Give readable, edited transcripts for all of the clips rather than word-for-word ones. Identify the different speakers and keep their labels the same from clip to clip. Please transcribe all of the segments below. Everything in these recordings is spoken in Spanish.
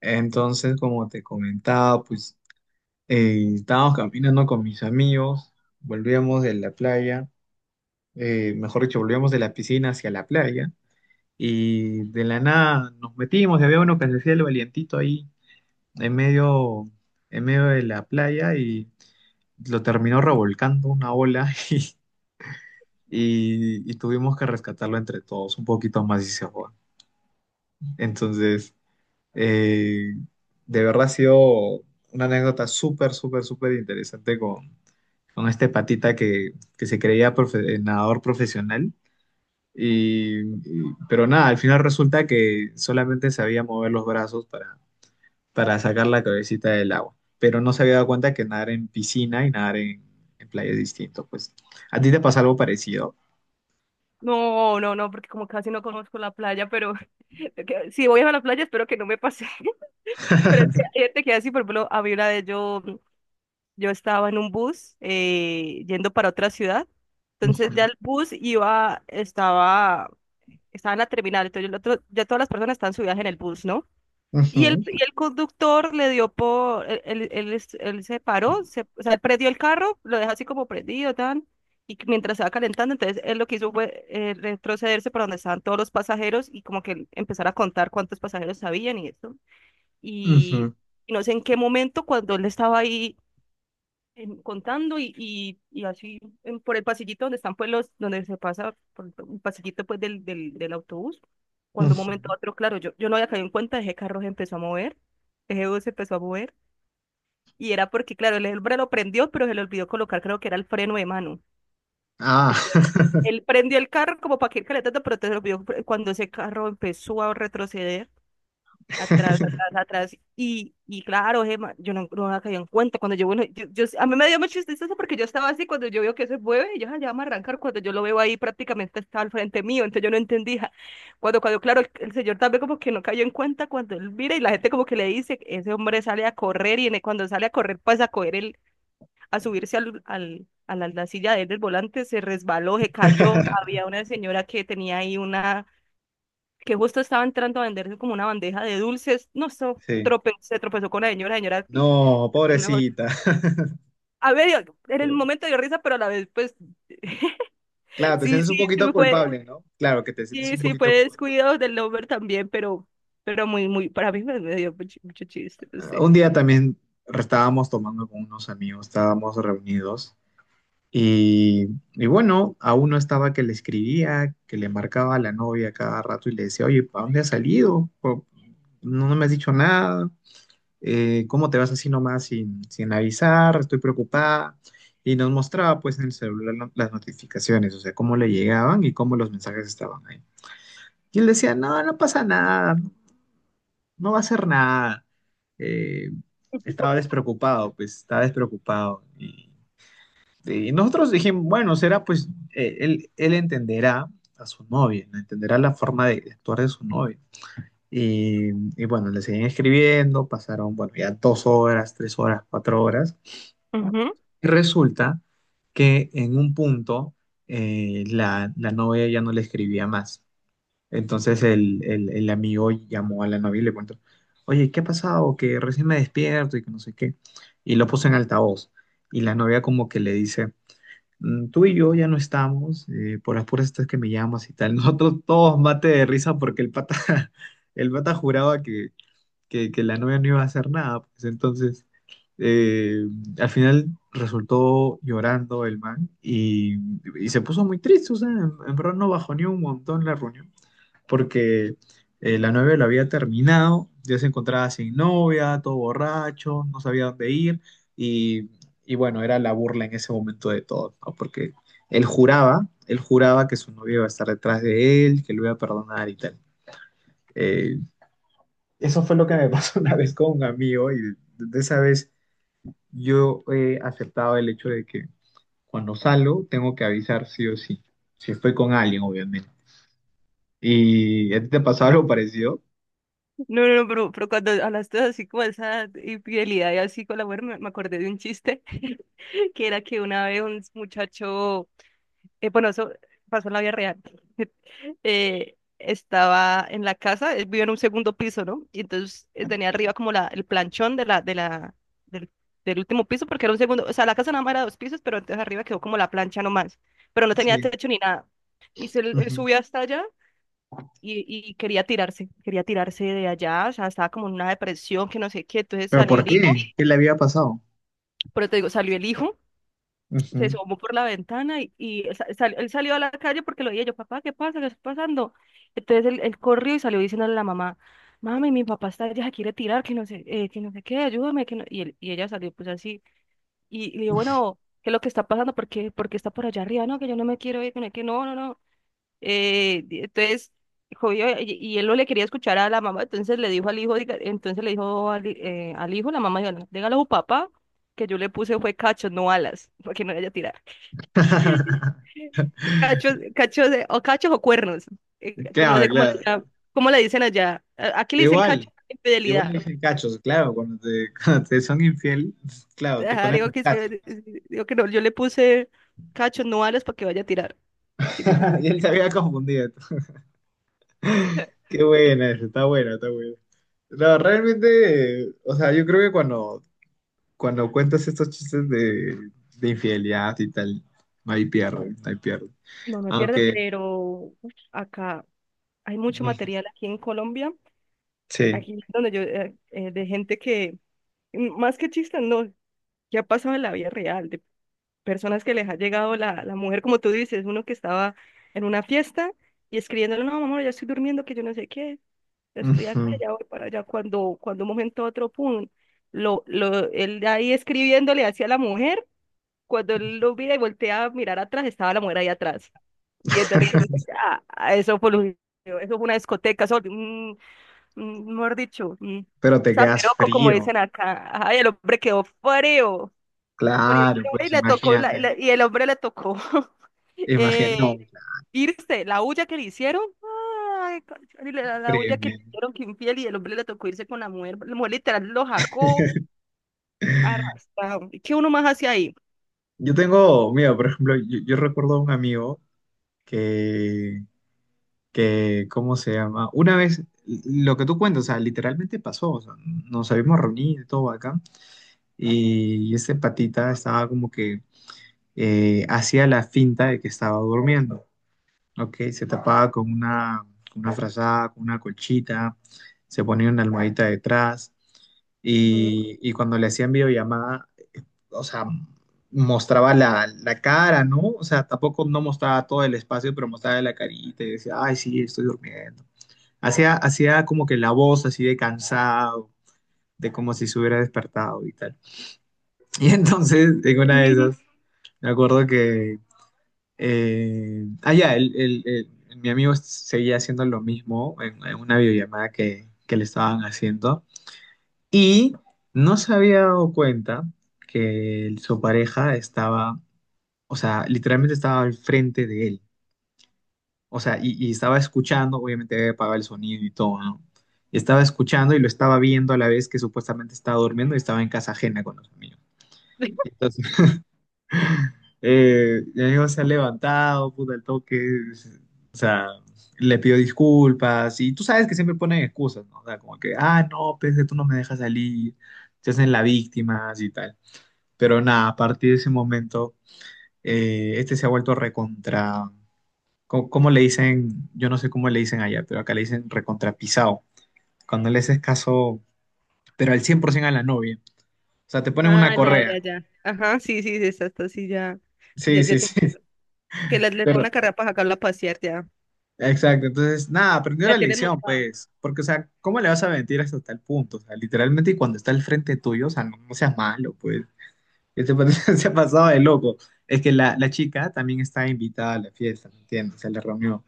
Speaker 1: Entonces, como te comentaba, pues estábamos caminando con mis amigos, volvíamos de la playa, mejor dicho, volvíamos de la piscina hacia la playa y de la nada nos metimos y había uno que se hacía el valientito ahí en medio, en medio de la playa y lo terminó revolcando una ola y, y tuvimos que rescatarlo entre todos, un poquito más y se fue. Entonces... Eh, de verdad ha sido una anécdota súper, súper, súper interesante con este patita que se creía nadador profesional. Y, pero nada, al final resulta que solamente sabía mover los brazos para sacar la cabecita del agua. Pero no se había dado cuenta que nadar en piscina y nadar en playa es distinto. Pues, ¿a ti te pasa algo parecido?
Speaker 2: No, no, no, porque como casi no conozco la playa, pero si voy a la playa espero que no me pase. Pero es que hay gente que así, por ejemplo, a mí una vez yo estaba en un bus yendo para otra ciudad, entonces
Speaker 1: Ujú,
Speaker 2: ya el bus iba, estaba en la terminal, entonces el otro, ya todas las personas están subidas en el bus, ¿no? Y el,
Speaker 1: ujú,
Speaker 2: y el conductor le dio por, él se paró, o sea, él prendió el carro, lo deja así como prendido, tan, y que mientras estaba calentando, entonces él lo que hizo fue retrocederse para donde estaban todos los pasajeros y como que empezar a contar cuántos pasajeros habían y eso. Y,
Speaker 1: ujú,
Speaker 2: y no sé en qué momento, cuando él estaba ahí contando y así por el pasillito donde están pues los, donde se pasa por el pasillito pues del autobús. Cuando un
Speaker 1: ujú.
Speaker 2: momento a otro, claro, yo no había caído en cuenta, ese carro se empezó a mover, ese bus se empezó a mover, y era porque, claro, el hombre lo prendió, pero se le olvidó colocar, creo que era el freno de mano.
Speaker 1: Ah,
Speaker 2: Entonces, él prendió el carro como para que ir calentando, pero entonces se le olvidó, cuando ese carro empezó a retroceder atrás, atrás, atrás. Y claro, Gemma, yo no, no había caído en cuenta. Cuando yo, bueno, a mí me dio mucha tristeza porque yo estaba así, cuando yo veo que se mueve, y yo "Ah, ya vamos a arrancar, cuando yo lo veo ahí prácticamente estaba al frente mío, entonces yo no entendía. Claro, el señor también como que no cayó en cuenta cuando él mira y la gente como que le dice, ese hombre sale a correr y cuando sale a correr pasa a coger el, a subirse la silla de él del volante, se resbaló, se cayó. Había una señora que tenía ahí una que justo estaba entrando a venderse como una bandeja de dulces. No,
Speaker 1: sí.
Speaker 2: se tropezó con la señora.
Speaker 1: No,
Speaker 2: Una
Speaker 1: pobrecita.
Speaker 2: A ver, en el momento dio risa, pero a la vez, pues,
Speaker 1: Claro, te
Speaker 2: sí,
Speaker 1: sientes un poquito
Speaker 2: sí fue,
Speaker 1: culpable, ¿no? Claro que te sientes
Speaker 2: sí,
Speaker 1: un
Speaker 2: sí fue
Speaker 1: poquito culpable.
Speaker 2: descuido del Lover también, pero muy, muy, para mí me dio mucho, mucho chiste, no
Speaker 1: Ah,
Speaker 2: sé.
Speaker 1: un día también estábamos tomando con unos amigos, estábamos reunidos y, bueno, a uno estaba que le escribía, que le marcaba a la novia cada rato y le decía, oye, ¿para dónde has salido? No, no me has dicho nada. ¿Cómo te vas así nomás sin, avisar? Estoy preocupada. Y nos mostraba pues en el celular las notificaciones, o sea, cómo le llegaban y cómo los mensajes estaban ahí. Y él decía, no, no pasa nada, no va a hacer nada. Eh, estaba despreocupado, pues estaba despreocupado. Y, nosotros dijimos, bueno, será pues él, entenderá a su novia, ¿no? Entenderá la forma de, actuar de su novia. Y, bueno, le seguían escribiendo, pasaron, bueno, ya dos horas, tres horas, cuatro horas.
Speaker 2: Ujú.
Speaker 1: Y resulta que en un punto la, novia ya no le escribía más, entonces el amigo llamó a la novia y le cuento, oye, ¿qué ha pasado? Que recién me despierto y que no sé qué. Y lo puso en altavoz. Y la novia como que le dice, "Mm, tú y yo ya no estamos, por las puras estas que me llamas y tal". Nosotros todos mate de risa porque el pata, el pata juraba que la novia no iba a hacer nada. Pues entonces, eh, al final resultó llorando el man y se puso muy triste. O sea, en, verdad no bajó ni un montón la reunión porque la novia lo había terminado, ya se encontraba sin novia, todo borracho, no sabía dónde ir, y, y bueno, era la burla en ese momento de todos, ¿no? Porque él juraba que su novia iba a estar detrás de él, que lo iba a perdonar y tal. Eh, eso fue lo que me pasó una vez con un amigo, y de, esa vez yo he aceptado el hecho de que cuando salgo tengo que avisar sí o sí, si estoy con alguien, obviamente. ¿Y a ti te pasó algo parecido?
Speaker 2: No, pero cuando hablaste así como de esa infidelidad y así con la mujer, me acordé de un chiste que era que una vez un muchacho, bueno, eso pasó en la vida real. Estaba en la casa, él vivía en un segundo piso, ¿no? Y entonces tenía arriba como la, el planchón del, del último piso, porque era un segundo, o sea, la casa nada más era dos pisos, pero entonces arriba quedó como la plancha nomás, pero no tenía
Speaker 1: Sí.
Speaker 2: techo ni nada. Y él subió hasta allá y quería tirarse de allá, o sea, estaba como en una depresión, que no sé qué, entonces
Speaker 1: ¿Pero
Speaker 2: salió
Speaker 1: por
Speaker 2: el
Speaker 1: qué?
Speaker 2: hijo,
Speaker 1: ¿Qué le había pasado?
Speaker 2: pero te digo, salió el hijo, se
Speaker 1: Ujú.
Speaker 2: asomó por la ventana y, él salió a la calle porque lo veía yo, papá, ¿qué pasa? ¿Qué está pasando? Entonces él corrió y salió diciéndole a la mamá, mami, mi papá está allá, quiere tirar, que no sé qué, ayúdame, que no... Y, él, y ella salió pues así, y le digo, bueno, ¿qué es lo que está pasando? ¿Por qué está por allá arriba? No, que yo no me quiero ir, que no, no, no. Entonces, jodió, y él no le quería escuchar a la mamá, entonces le dijo al hijo, la mamá, diga, dígale a su papá que yo le puse fue cacho, no alas, para que no le haya tirado. Cachos, o cachos o cuernos. Como no
Speaker 1: Claro,
Speaker 2: sé cómo,
Speaker 1: claro.
Speaker 2: cómo le dicen allá. Aquí le dicen cacho
Speaker 1: Igual,
Speaker 2: a la
Speaker 1: igual le
Speaker 2: infidelidad.
Speaker 1: dije cachos, claro, cuando te, cuando te son infiel, claro, te
Speaker 2: Ajá, le
Speaker 1: ponen
Speaker 2: digo
Speaker 1: los
Speaker 2: que es
Speaker 1: cachos.
Speaker 2: que, digo que no, yo le puse cacho, no alas para que vaya a tirar. Que Es
Speaker 1: Y
Speaker 2: diferente.
Speaker 1: él se había confundido. Qué buena esa, está buena, está buena. No, realmente, o sea, yo creo que cuando, cuando cuentas estos chistes de, infidelidad y tal, no hay pierde, no hay pierde.
Speaker 2: No me pierde,
Speaker 1: Aunque,
Speaker 2: pero uf, acá hay mucho
Speaker 1: mm,
Speaker 2: material aquí en Colombia,
Speaker 1: sí,
Speaker 2: aquí donde yo, de gente que, mm, más que chistes, no, que ha pasado en la vida real, personas que les ha llegado la mujer, como tú dices, uno que estaba en una fiesta y escribiéndole, no, mamá ya estoy durmiendo, que yo no sé qué, ya estoy
Speaker 1: ujú.
Speaker 2: acá, ya voy para allá, cuando un momento a otro, pum, él ahí escribiéndole hacia la mujer, cuando él lo mira y voltea a mirar atrás, estaba la mujer ahí atrás, viéndole que eso fue, eso fue una discoteca, eso, mejor dicho,
Speaker 1: Pero te quedas
Speaker 2: zaperoco, como
Speaker 1: frío.
Speaker 2: dicen acá, ay, el hombre quedó frío.
Speaker 1: Claro,
Speaker 2: Briónica, y
Speaker 1: pues
Speaker 2: le tocó,
Speaker 1: imagínate.
Speaker 2: y el hombre le tocó
Speaker 1: Imagino,
Speaker 2: eh,
Speaker 1: no,
Speaker 2: irse, la huya que le hicieron, ay, y la huya que le
Speaker 1: tremendo.
Speaker 2: hicieron que infiel y el hombre le tocó irse con la mujer literal lo jacó, arrastrado, ¿y qué uno más hace ahí?
Speaker 1: Yo tengo, mira, por ejemplo, yo, recuerdo a un amigo que, ¿cómo se llama? Una vez, lo que tú cuentas, o sea, literalmente pasó, o sea, nos habíamos reunido y todo acá, y este patita estaba como que hacía la finta de que estaba durmiendo, ¿ok? Se tapaba con una, frazada, con una colchita, se ponía una almohadita detrás.
Speaker 2: Ujú,
Speaker 1: Y, cuando le hacían videollamada, o sea, mostraba la, cara, ¿no? O sea, tampoco no mostraba todo el espacio, pero mostraba la carita y decía, ay, sí, estoy durmiendo. Hacía, hacía como que la voz así de cansado, de como si se hubiera despertado y tal. Y entonces, en una de
Speaker 2: ujú.
Speaker 1: esas, me acuerdo que, mi amigo seguía haciendo lo mismo en, una videollamada que, le estaban haciendo y no se había dado cuenta que su pareja estaba. O sea, literalmente estaba al frente de él. O sea, y, estaba escuchando, obviamente había apagado el sonido y todo, ¿no? Y estaba escuchando y lo estaba viendo a la vez que supuestamente estaba durmiendo y estaba en casa ajena con los amigos. Entonces, mi amigo se ha levantado, puta, el toque, o sea, le pidió disculpas y tú sabes que siempre ponen excusas, ¿no? O sea, como que, ah, no, pues que tú no me dejas salir, se hacen la víctima y tal. Pero nada, a partir de ese momento, este se ha vuelto recontra. ¿¿Cómo le dicen? Yo no sé cómo le dicen allá, pero acá le dicen recontrapisado. Cuando le haces caso, pero al 100% a la novia. O sea, te ponen una, ah,
Speaker 2: Ah, ya, ya,
Speaker 1: correa.
Speaker 2: ya, ajá, sí, sí, sí, está, está, sí, ya, sí,
Speaker 1: Sí, sí, sí.
Speaker 2: que le pone
Speaker 1: Pero,
Speaker 2: una carrera para sacarla a pasear, ya,
Speaker 1: exacto. Entonces, nada, aprendió la
Speaker 2: la tienes
Speaker 1: lección,
Speaker 2: montada.
Speaker 1: pues. Porque, o sea, ¿cómo le vas a mentir hasta tal punto? O sea, literalmente, y cuando está al frente tuyo, o sea, no, no seas malo, pues. Este pata se ha pasado de loco. Es que la, chica también estaba invitada a la fiesta, ¿me entiendes? Se la reunió.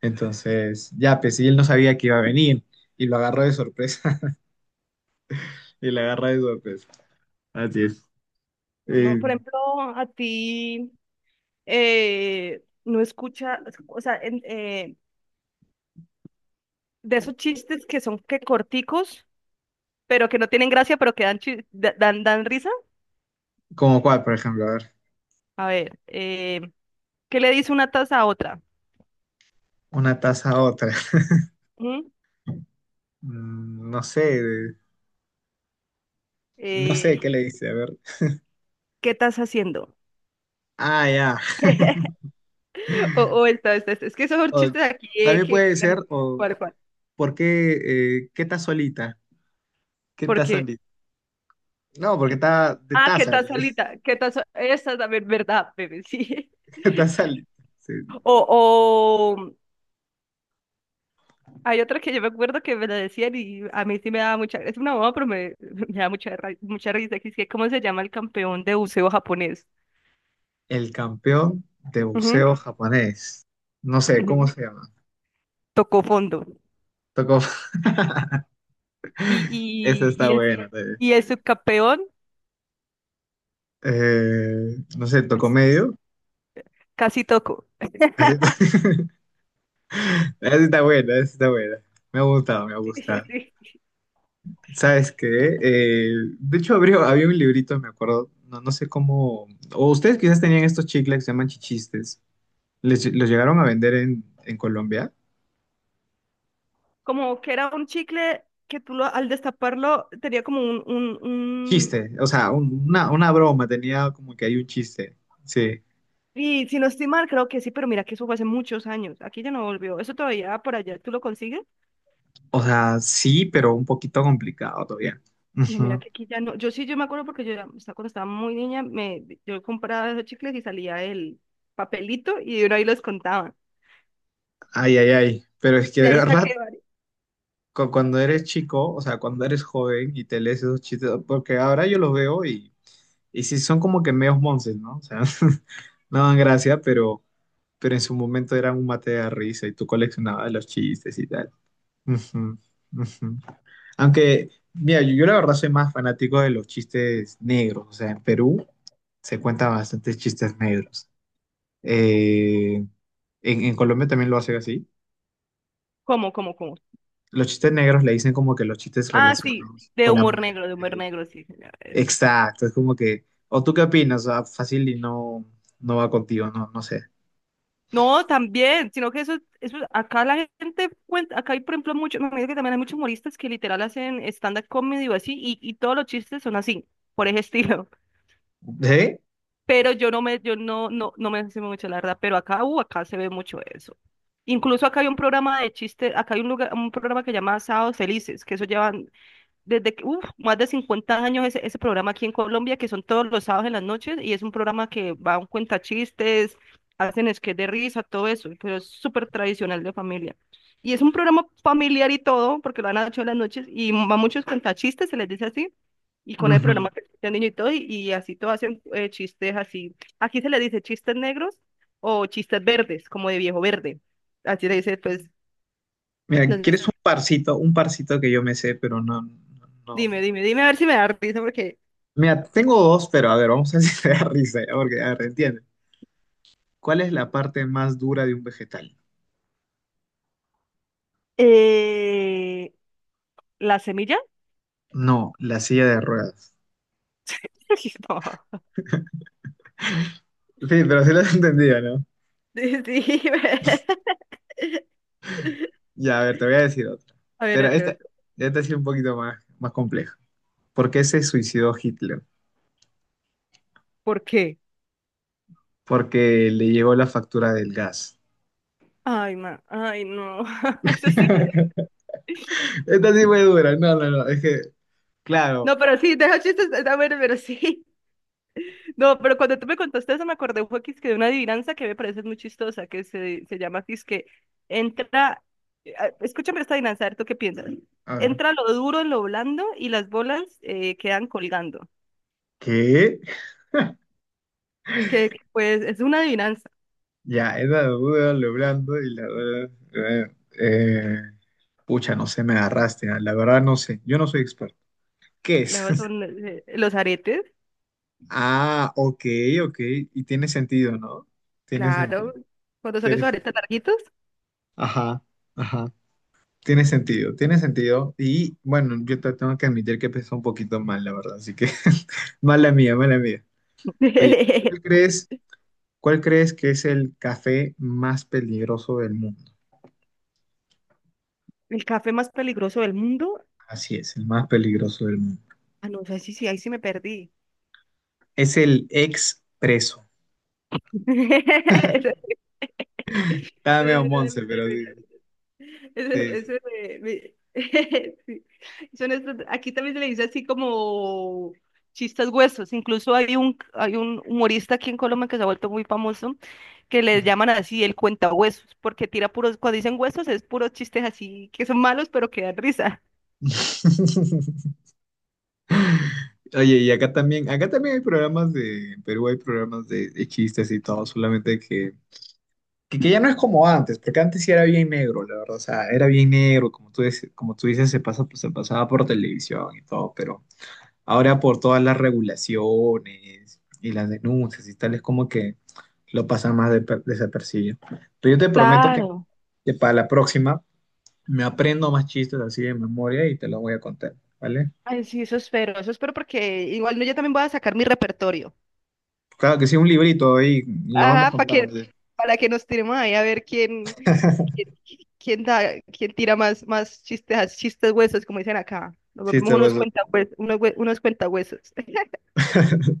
Speaker 1: Entonces, ya, pues, y él no sabía que iba a venir. Y lo agarró de sorpresa. Y lo agarró de sorpresa. Así es.
Speaker 2: No, por
Speaker 1: Eh,
Speaker 2: ejemplo, a ti no escucha, o sea, en- eh, de esos chistes que son que corticos, pero que no tienen gracia, pero que dan, dan risa.
Speaker 1: ¿Cómo cuál, por ejemplo? A ver,
Speaker 2: A ver, ¿qué le dice una taza a otra?
Speaker 1: una taza a otra.
Speaker 2: ¿Mm?
Speaker 1: No sé, no
Speaker 2: Eh,
Speaker 1: sé qué le dice, a ver.
Speaker 2: ¿Qué estás haciendo?
Speaker 1: Ah, ya.
Speaker 2: Esta. Es que esos son
Speaker 1: O
Speaker 2: chistes aquí,
Speaker 1: también
Speaker 2: que
Speaker 1: puede
Speaker 2: que la
Speaker 1: ser,
Speaker 2: gente...
Speaker 1: o
Speaker 2: ¿Cuál?
Speaker 1: ¿por qué, qué está solita? ¿Qué está
Speaker 2: Porque,
Speaker 1: solita? No, porque
Speaker 2: ¿qué?
Speaker 1: está de
Speaker 2: Ah, ¿qué
Speaker 1: taza,
Speaker 2: estás
Speaker 1: pues.
Speaker 2: solita? ¿Qué estás? Esa es la verdad, bebé, sí.
Speaker 1: Está solita. Sí.
Speaker 2: O, hay otra que yo me acuerdo que me la decían y a mí sí me daba mucha, es una bomba, pero me, me da mucha, mucha risa, que es que ¿cómo se llama el campeón de buceo japonés?
Speaker 1: El campeón de
Speaker 2: Ujú,
Speaker 1: buceo japonés. No sé, ¿cómo
Speaker 2: ujú.
Speaker 1: se llama?
Speaker 2: Tocó fondo.
Speaker 1: Tocó, esa está
Speaker 2: Y el,
Speaker 1: buena también.
Speaker 2: y el subcampeón,
Speaker 1: No sé,
Speaker 2: el
Speaker 1: tocó
Speaker 2: s-
Speaker 1: medio.
Speaker 2: casi tocó.
Speaker 1: Así está. Esa sí está buena, esa sí está buena. Me ha gustado, me ha
Speaker 2: Sí,
Speaker 1: gustado.
Speaker 2: sí.
Speaker 1: ¿Sabes qué? De hecho, abrió, había un librito, me acuerdo, no, no sé cómo... O ustedes quizás tenían estos chicles que se llaman chichistes. ¿Les, los llegaron a vender en, Colombia?
Speaker 2: Como que era un chicle que tú lo, al destaparlo tenía como un...
Speaker 1: Chiste, o sea, una broma, tenía como que hay un chiste. Sí.
Speaker 2: Y si no estoy mal, creo que sí, pero mira que eso fue hace muchos años. Aquí ya no volvió. ¿Eso todavía por allá tú lo consigues?
Speaker 1: O sea, sí, pero un poquito complicado todavía.
Speaker 2: No, mira
Speaker 1: Ujú.
Speaker 2: que aquí ya no. Yo sí, yo me acuerdo porque cuando estaba muy niña, yo compraba esos chicles y salía el papelito y uno ahí los contaba.
Speaker 1: Ay, ay, ay. Pero es que
Speaker 2: De
Speaker 1: de
Speaker 2: ahí
Speaker 1: verdad,
Speaker 2: saqué varios.
Speaker 1: cuando eres chico, o sea, cuando eres joven y te lees esos chistes, porque ahora yo los veo y... Y sí, son como que medios monces, ¿no? O sea, no dan gracia, pero, en su momento eran un mate de risa y tú coleccionabas los chistes y tal. Ujú, ujú. Aunque, mira, yo, la verdad soy más fanático de los chistes negros. O sea, en Perú se cuentan bastantes chistes negros. Eh, en Colombia también lo hacen así.
Speaker 2: ¿Cómo?
Speaker 1: Los chistes negros le dicen como que los chistes
Speaker 2: Ah, sí,
Speaker 1: relacionados con la mujer.
Speaker 2: de humor negro, sí. Señora, eso es.
Speaker 1: Exacto, es como que, ¿o tú qué opinas? Ah, fácil y no, no va contigo, no, no sé.
Speaker 2: No, también, sino que eso, acá la gente cuenta, acá hay, por ejemplo, mucho, me parece que también hay muchos humoristas que literal hacen stand-up comedy o así, y todos los chistes son así, por ese estilo.
Speaker 1: ¿Sí?
Speaker 2: Pero yo no me, yo no, no, no me sé mucho la verdad, pero acá, acá se ve mucho eso. Incluso acá hay un programa de chistes, acá hay un lugar, un programa que se llama Sábados Felices, que eso llevan desde que, uf, más de 50 años ese programa aquí en Colombia, que son todos los sábados en las noches, y es un programa que va a un cuentachistes, hacen sketch de risa, todo eso, pero es súper tradicional de familia. Y es un programa familiar y todo, porque lo han hecho en las noches, y va muchos cuentachistes, se les dice así, y con el
Speaker 1: Ujú.
Speaker 2: programa que escucha el niño y todo, y así todo hacen chistes así. Aquí se les dice chistes negros o chistes verdes, como de viejo verde. Así le dice, pues,
Speaker 1: Mira,
Speaker 2: entonces,
Speaker 1: ¿quieres un parcito? Un parcito que yo me sé, pero no, no, ¿no?
Speaker 2: dime a ver si me da risa, porque...
Speaker 1: Mira, tengo dos, pero a ver, vamos a ver si te da risa, ya, porque, a ver, entiende. ¿Cuál es la parte más dura de un vegetal?
Speaker 2: Eh, ¿la semilla?
Speaker 1: No, la silla de ruedas.
Speaker 2: No.
Speaker 1: Sí, pero sí lo has entendido, ¿no?
Speaker 2: Sí, sí.
Speaker 1: Ya, a ver, te voy a decir otra.
Speaker 2: A ver,
Speaker 1: Pero
Speaker 2: otro,
Speaker 1: esta,
Speaker 2: otro.
Speaker 1: esta sí es un poquito más, más compleja. ¿Por qué se suicidó Hitler?
Speaker 2: ¿Por qué?
Speaker 1: Porque le llegó la factura del gas.
Speaker 2: Ay, ma, ay, no. Eso sí.
Speaker 1: Esta sí fue dura. No, no, no. Es que, claro.
Speaker 2: No, pero sí, deja chistes, está bueno, pero sí. No, pero cuando tú me contaste eso me acordé un poquito que de una adivinanza que me parece muy chistosa, que se llama que es que entra, escúchame esta adivinanza, a ver, ¿tú qué piensas?
Speaker 1: A ver.
Speaker 2: Entra lo duro en lo blando y las bolas quedan colgando.
Speaker 1: ¿Qué?
Speaker 2: Que pues es una adivinanza.
Speaker 1: Ya, esa duda, lo blando y la verdad, eh, pucha, no sé, me agarraste, ah, la verdad no sé, yo no soy experto. ¿Qué es?
Speaker 2: Luego son los aretes.
Speaker 1: Ah, ok, ok, y tiene sentido, ¿no? Tiene
Speaker 2: Claro,
Speaker 1: sentido.
Speaker 2: cuando son esos
Speaker 1: Tiene-
Speaker 2: aretes larguitos.
Speaker 1: ajá, ajá. Tiene sentido, tiene sentido. Y bueno, yo te tengo que admitir que empezó un poquito mal, la verdad, así que mala mía, mala mía. Oye, ¿cuál crees, cuál crees que es el café más peligroso del mundo?
Speaker 2: El café más peligroso del mundo.
Speaker 1: Así es, el más peligroso del mundo.
Speaker 2: Ah, no sé si sí, ahí sí me perdí.
Speaker 1: Es el expreso preso.
Speaker 2: Eso, eso
Speaker 1: Estaba
Speaker 2: sí
Speaker 1: medio
Speaker 2: me dio
Speaker 1: monce,
Speaker 2: mucha
Speaker 1: pero sí.
Speaker 2: risa. Eso,
Speaker 1: Sí,
Speaker 2: eso
Speaker 1: sí.
Speaker 2: me- me- sí. Aquí también se le dice así como chistes huesos. Incluso hay un humorista aquí en Colombia que se ha vuelto muy famoso, que le llaman así el cuentahuesos, porque tira puros, cuando dicen huesos es puros chistes así que son malos, pero que dan risa.
Speaker 1: Oye, y acá también hay programas de, en Perú hay programas de, chistes y todo, solamente que, que ya no es como antes, porque antes sí era bien negro, la verdad, o sea, era bien negro, como tú dices, se pasa, pues, se pasaba por televisión y todo, pero ahora por todas las regulaciones y las denuncias y tal, es como que lo pasa más desapercibido. Pero yo te prometo que,
Speaker 2: Claro.
Speaker 1: para la próxima me aprendo más chistes así de memoria y te los voy a contar, ¿vale?
Speaker 2: Ay, sí, eso espero porque igual no, yo también voy a sacar mi repertorio.
Speaker 1: Claro que sí, un librito ahí y los vamos
Speaker 2: Ajá,
Speaker 1: contando. Sí,
Speaker 2: para que nos tiremos ahí a ver quién, quién, quién da, quién tira más, más chistes, chistes huesos, como dicen acá. Nos volvemos
Speaker 1: chistes, pues,
Speaker 2: unos cuentahuesos, unos cuentahuesos.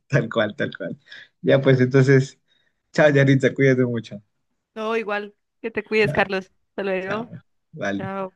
Speaker 1: tal cual, tal cual. Ya pues entonces, chao, Yaritza, cuídate mucho.
Speaker 2: No, igual, que te cuides,
Speaker 1: Chao,
Speaker 2: Carlos. Hasta
Speaker 1: chao.
Speaker 2: luego.
Speaker 1: Vale.
Speaker 2: Chao.